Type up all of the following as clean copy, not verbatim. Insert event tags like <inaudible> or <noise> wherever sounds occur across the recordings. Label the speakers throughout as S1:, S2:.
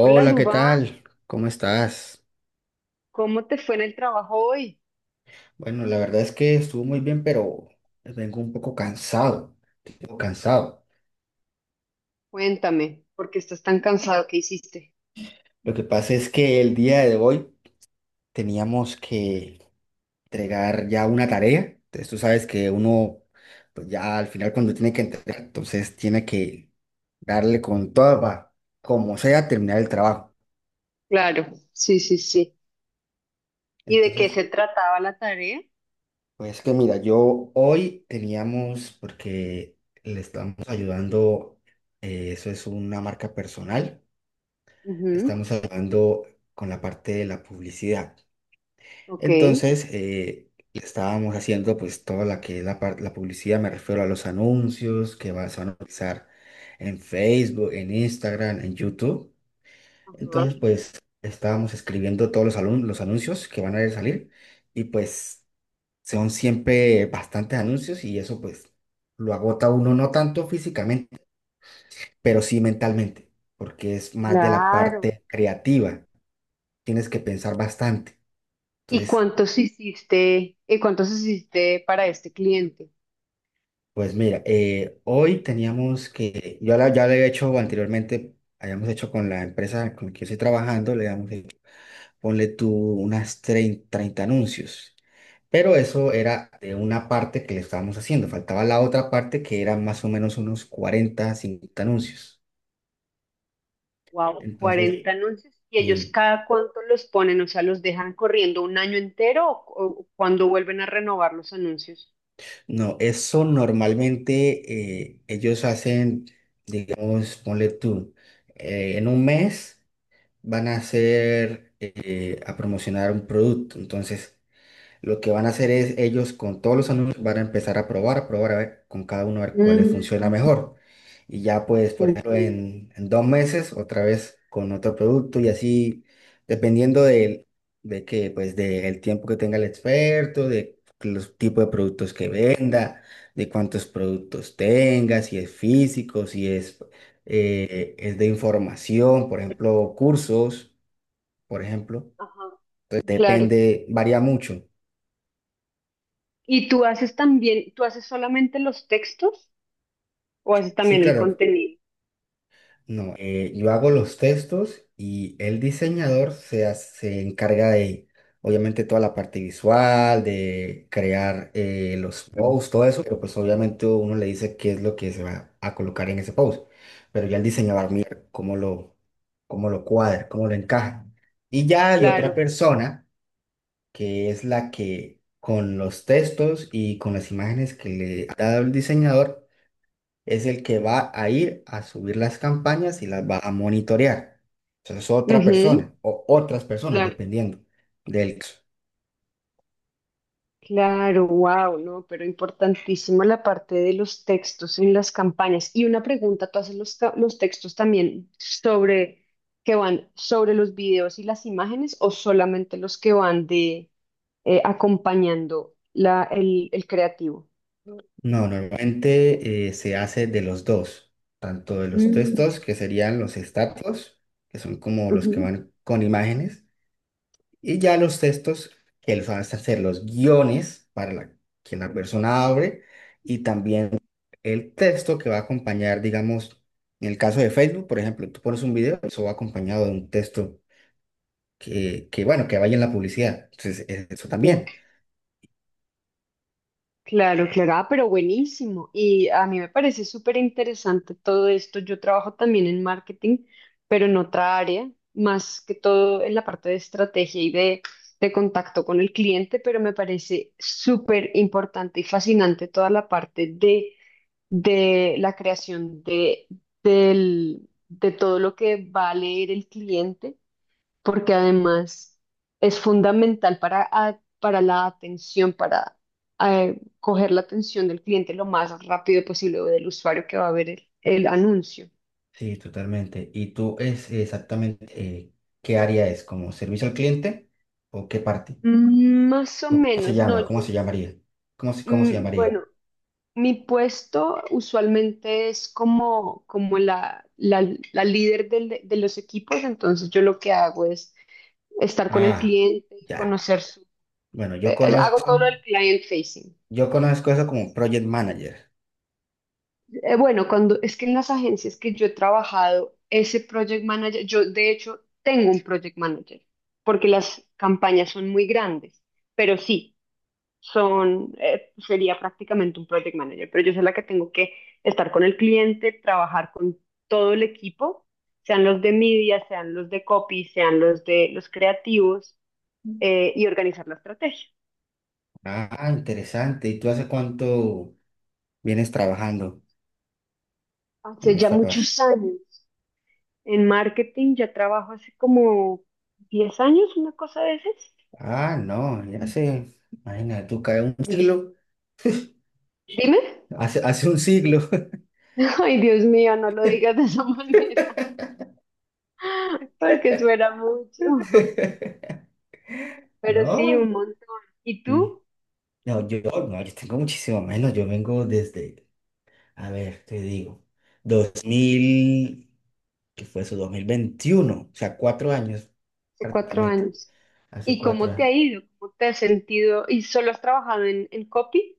S1: Hola,
S2: ¿qué
S1: Dubán,
S2: tal? ¿Cómo estás?
S1: ¿cómo te fue en el trabajo hoy?
S2: Bueno, la verdad es que estuvo muy bien, pero vengo un poco cansado, tipo cansado.
S1: Cuéntame, porque estás tan cansado. ¿Qué hiciste?
S2: Lo que pasa es que el día de hoy teníamos que entregar ya una tarea. Entonces tú sabes que uno, pues ya al final cuando tiene que entregar, entonces tiene que darle con toda, para, como sea, terminar el trabajo.
S1: Claro, sí, sí, sí. ¿Y de qué
S2: Entonces,
S1: se trataba la tarea?
S2: pues que mira, yo hoy teníamos, porque le estamos ayudando, eso es una marca personal.
S1: Ujú.
S2: Estamos ayudando con la parte de la publicidad.
S1: Ok.
S2: Entonces, le estábamos haciendo pues toda la que es la publicidad. Me refiero a los anuncios que vas a utilizar en Facebook, en Instagram, en YouTube.
S1: Ajá.
S2: Entonces, pues estábamos escribiendo todos los anuncios que van a salir, y pues son siempre bastantes anuncios, y eso pues lo agota a uno no tanto físicamente, pero sí mentalmente, porque es más de la
S1: Claro.
S2: parte creativa, tienes que pensar bastante.
S1: ¿Y
S2: Entonces,
S1: cuántos hiciste? ¿Y cuántos hiciste para este cliente?
S2: pues mira, hoy teníamos que, ya lo he hecho anteriormente, habíamos hecho con la empresa con la que yo estoy trabajando, le habíamos hecho, ponle tú, unas 30 anuncios. Pero eso era de una parte que le estábamos haciendo. Faltaba la otra parte, que eran más o menos unos 40 50 anuncios.
S1: Wow,
S2: Entonces,
S1: 40 anuncios. ¿Y ellos
S2: sí.
S1: cada cuánto los ponen? O sea, ¿los dejan corriendo un año entero o cuando vuelven a renovar los anuncios?
S2: No, eso normalmente ellos hacen, digamos, ponle tú, en un mes van a hacer, a promocionar un producto. Entonces, lo que van a hacer es ellos con todos los alumnos van a empezar a probar, a probar a ver con cada uno a ver cuál les funciona
S1: Mm,
S2: mejor. Y ya pues,
S1: te
S2: por ejemplo,
S1: entiendo.
S2: en dos meses otra vez con otro producto y así, dependiendo de, que pues del tiempo que tenga el experto, de los tipos de productos que venda, de cuántos productos tenga, si es físico, si es, es de información, por ejemplo, cursos, por ejemplo.
S1: Ajá,
S2: Entonces
S1: claro.
S2: depende, varía mucho.
S1: ¿Y tú haces también, tú haces solamente los textos o haces
S2: Sí,
S1: también el
S2: claro.
S1: contenido?
S2: No, yo hago los textos y el diseñador se encarga de, obviamente, toda la parte visual, de crear los posts, todo eso, pero pues obviamente uno le dice qué es lo que se va a colocar en ese post, pero ya el diseñador mira cómo lo cuadra, cómo lo encaja. Y ya hay otra
S1: Claro, claro.
S2: persona que es la que con los textos y con las imágenes que le ha dado el diseñador, es el que va a ir a subir las campañas y las va a monitorear. Eso es otra
S1: Ujú,
S2: persona o otras personas,
S1: claro,
S2: dependiendo del caso.
S1: claro, wow, no, pero importantísimo la parte de los textos en las campañas. Y una pregunta, ¿tú haces los, ca- los textos también sobre, que van sobre los videos y las imágenes o solamente los que van de acompañando la, el creativo?
S2: No, normalmente se hace de los dos, tanto de los
S1: Mm,
S2: textos, que serían los status, que son como los que
S1: ujú,
S2: van con imágenes, y ya los textos, que los van a hacer los guiones para la, que la persona abre, y también el texto que va a acompañar, digamos, en el caso de Facebook, por ejemplo, tú pones un video, eso va acompañado de un texto que bueno, que vaya en la publicidad. Entonces, eso
S1: ya.
S2: también.
S1: Claro, claro, ah, pero buenísimo. Y a mí me parece súper interesante todo esto. Yo trabajo también en marketing, pero en otra área, más que todo en la parte de estrategia y de contacto con el cliente, pero me parece súper importante y fascinante toda la parte de la creación de, del, de todo lo que va a leer el cliente porque además es fundamental para, a- para la atención, para coger la atención del cliente lo más rápido posible o del usuario que va a ver el anuncio.
S2: Sí, totalmente. ¿Y tú es exactamente qué área es? ¿Como servicio al cliente o qué parte?
S1: Mm, más o
S2: ¿O cómo se
S1: menos, no,
S2: llama? ¿Cómo
S1: yo,
S2: se llamaría? ¿Cómo cómo se
S1: mm,
S2: llamaría?
S1: bueno, mi puesto usualmente es como, como la líder del- de los equipos, entonces yo lo que hago es estar con el
S2: Ah,
S1: cliente,
S2: ya.
S1: conocer su,
S2: Bueno, yo
S1: hago
S2: conozco.
S1: todo lo del client facing.
S2: Yo conozco eso como Project Manager.
S1: Bueno, cuando es que en las agencias que yo he trabajado, ese project manager, yo de hecho tengo un project manager, porque las campañas son muy grandes, pero sí, son, sería prácticamente un project manager, pero yo soy la que tengo que estar con el cliente, trabajar con todo el equipo, sean los de media, sean los de copy, sean los de los creativos, y organizar la estrategia.
S2: Ah, interesante. ¿Y tú hace cuánto vienes trabajando en
S1: Hace ya
S2: esta parte?
S1: muchos años. En marketing, ya trabajo hace como 10 años, una cosa de esas.
S2: Ah, no, ya sé. Imagínate, tú caes un siglo.
S1: Dime.
S2: Hace un siglo.
S1: <laughs> Ay, Dios mío, no lo digas de esa <laughs> manera, porque suena mucho. <laughs>
S2: <laughs>
S1: Pero sí, un
S2: No,
S1: montón. ¿Y
S2: sí.
S1: tú?
S2: No, yo, no, yo tengo muchísimo menos. Yo vengo desde, a ver, te digo, 2000, ¿qué fue eso? Dos mil veintiuno. O sea, cuatro años
S1: Hace cuatro
S2: prácticamente.
S1: años.
S2: Hace
S1: ¿Y
S2: cuatro
S1: cómo te
S2: años.
S1: ha ido? ¿Cómo te has sentido? ¿Y solo has trabajado en copy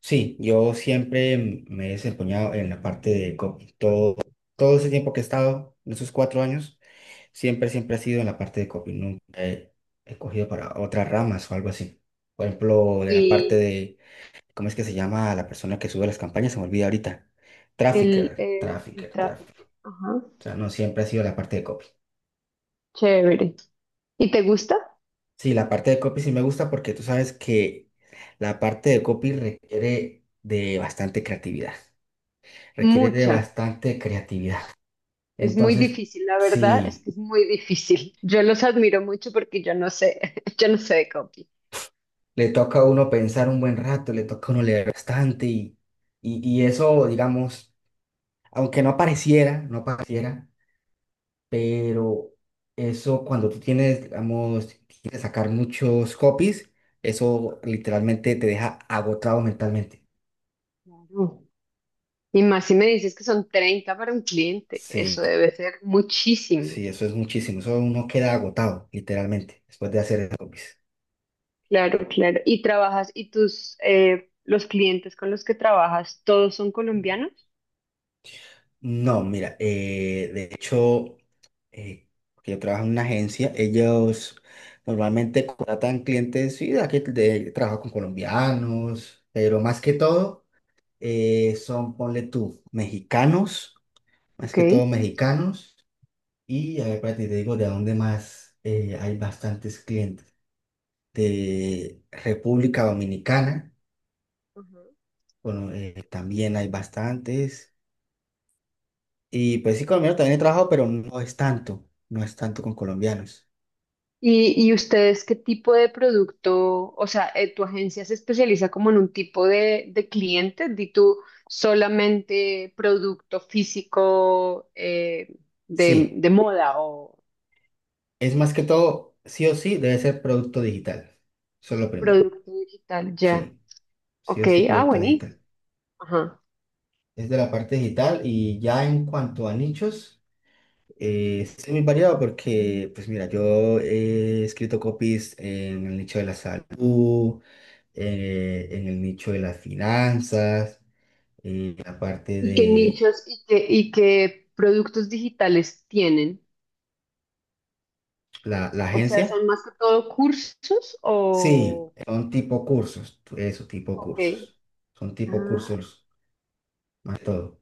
S2: Sí, yo siempre me he desempeñado en la parte de copy. Todo ese tiempo que he estado, en esos cuatro años, siempre, siempre ha sido en la parte de copy. Nunca he, he cogido para otras ramas o algo así. Por ejemplo, de la parte
S1: y
S2: de, ¿cómo es que se llama la persona que sube las campañas? Se me olvida ahorita.
S1: el tráfico?
S2: Trafficker.
S1: Ajá.
S2: O sea, no, siempre ha sido la parte de copy.
S1: Chévere. ¿Y te gusta?
S2: Sí, la parte de copy sí me gusta, porque tú sabes que la parte de copy requiere de bastante creatividad. Requiere de
S1: Mucha.
S2: bastante creatividad.
S1: Es muy
S2: Entonces,
S1: difícil, la verdad es que
S2: sí,
S1: es muy difícil. Yo los admiro mucho porque yo no sé, <laughs> yo no sé de copy.
S2: le toca a uno pensar un buen rato, le toca a uno leer bastante, y eso, digamos, aunque no pareciera, no pareciera, pero eso cuando tú tienes, digamos, tienes que sacar muchos copies, eso literalmente te deja agotado mentalmente.
S1: Claro. Y más si me dices que son 30 para un cliente,
S2: Sí,
S1: eso debe ser muchísimo.
S2: sí, eso es muchísimo, eso uno queda agotado, literalmente, después de hacer esos copies.
S1: Claro, claro. ¿Y trabajas, y tus, los clientes con los que trabajas, todos son colombianos?
S2: No, mira, de hecho, eh, porque yo trabajo en una agencia, ellos normalmente contratan clientes, sí, de aquí de, trabajo con colombianos, pero más que todo son, ponle tú, mexicanos, más
S1: Ok.
S2: que todo mexicanos, y a ver, espérate, te digo de dónde más hay bastantes clientes. De República Dominicana,
S1: Ajá.
S2: bueno, también hay bastantes. Y pues sí, colombiano también he trabajado, pero no es tanto, no es tanto con colombianos.
S1: Y ustedes qué tipo de producto, o sea, tu agencia se especializa como en un tipo de cliente? ¿Di tú solamente producto físico
S2: Sí,
S1: de moda o
S2: es más que todo, sí o sí, debe ser producto digital. Eso es lo primero.
S1: producto digital? Ya.
S2: Sí, sí
S1: Ok,
S2: o sí,
S1: ah,
S2: producto
S1: buenísimo.
S2: digital.
S1: Ajá.
S2: Es de la parte digital, y ya en cuanto a nichos, es muy variado porque, pues mira, yo he escrito copies en el nicho de la salud, en el nicho de las finanzas, en la parte
S1: ¿Y qué
S2: de
S1: nichos y qué productos digitales tienen?
S2: la
S1: O sea,
S2: agencia.
S1: ¿son más que todo cursos
S2: Sí,
S1: o...?
S2: son tipo cursos, eso, tipo
S1: Ok.
S2: cursos. Son tipo
S1: Ah,
S2: cursos, más que todo.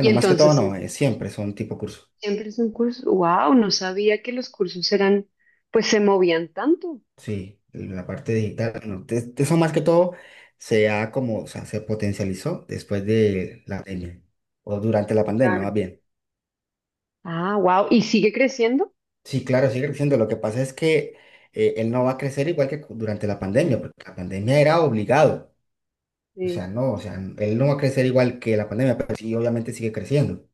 S1: y
S2: más que todo
S1: entonces...
S2: no, siempre son tipo cursos.
S1: Siempre es un curso. Wow, no sabía que los cursos eran, pues se movían tanto.
S2: Sí, la parte digital, bueno, eso más que todo se ha como, o sea, se potencializó después de la pandemia, o durante la pandemia, más
S1: Claro.
S2: bien.
S1: Ah, wow, y sigue creciendo.
S2: Sí, claro, sigue creciendo. Lo que pasa es que él no va a crecer igual que durante la pandemia, porque la pandemia era obligado. O sea,
S1: Sí.
S2: no, o sea, él no va a crecer igual que la pandemia, pero sí, obviamente sigue creciendo.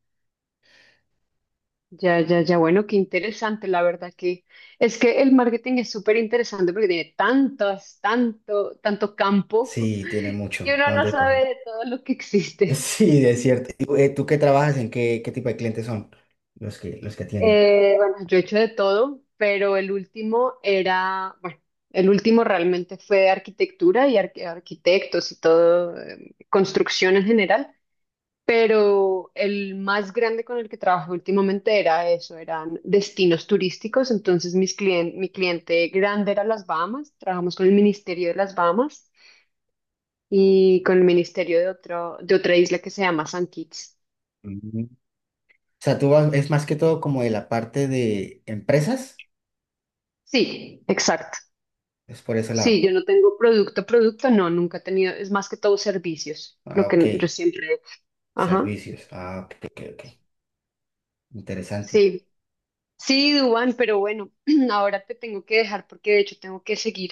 S1: Ya, ya, ya, bueno, qué interesante, la verdad que es que el marketing es súper interesante porque tiene tantas, tanto, tanto campo
S2: Sí, tiene
S1: <laughs>
S2: mucho,
S1: que uno
S2: ¿para
S1: no
S2: dónde
S1: sabe
S2: coger?
S1: de todo lo que
S2: <laughs>
S1: existe.
S2: Sí, es cierto. ¿Y, ¿tú, ¿tú qué trabajas? ¿En qué, qué tipo de clientes son los que tienen?
S1: Bueno, yo he hecho de todo, pero el último era, bueno, el último realmente fue de arquitectura y arqu- arquitectos y todo, construcción en general. Pero el más grande con el que trabajé últimamente era eso, eran destinos turísticos, entonces mis clien- mi cliente grande era las Bahamas, trabajamos con el Ministerio de las Bahamas y con el Ministerio de, otro, de otra isla que se llama San Kitts.
S2: Mm. O sea, es más que todo como de la parte de empresas,
S1: Sí, exacto.
S2: es por ese
S1: Sí,
S2: lado.
S1: yo no tengo producto, producto, no, nunca he tenido, es más que todo servicios, lo
S2: Ah, ok.
S1: que yo siempre... Ajá,
S2: Servicios. Ah, ok, ok, ok. Interesante.
S1: sí. Sí, Duan, pero bueno, <clears throat> ahora te tengo que dejar porque de hecho tengo que seguir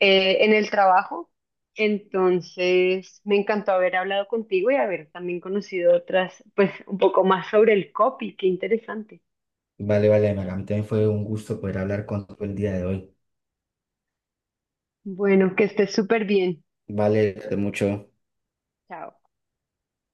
S1: en el trabajo. Entonces, me encantó haber hablado contigo y haber también conocido otras, pues un poco más sobre el copy, qué interesante.
S2: Vale, vale, Maga, a mí también fue un gusto poder hablar contigo el día de hoy.
S1: Bueno, que estés súper bien.
S2: Vale, mucho.
S1: Chao.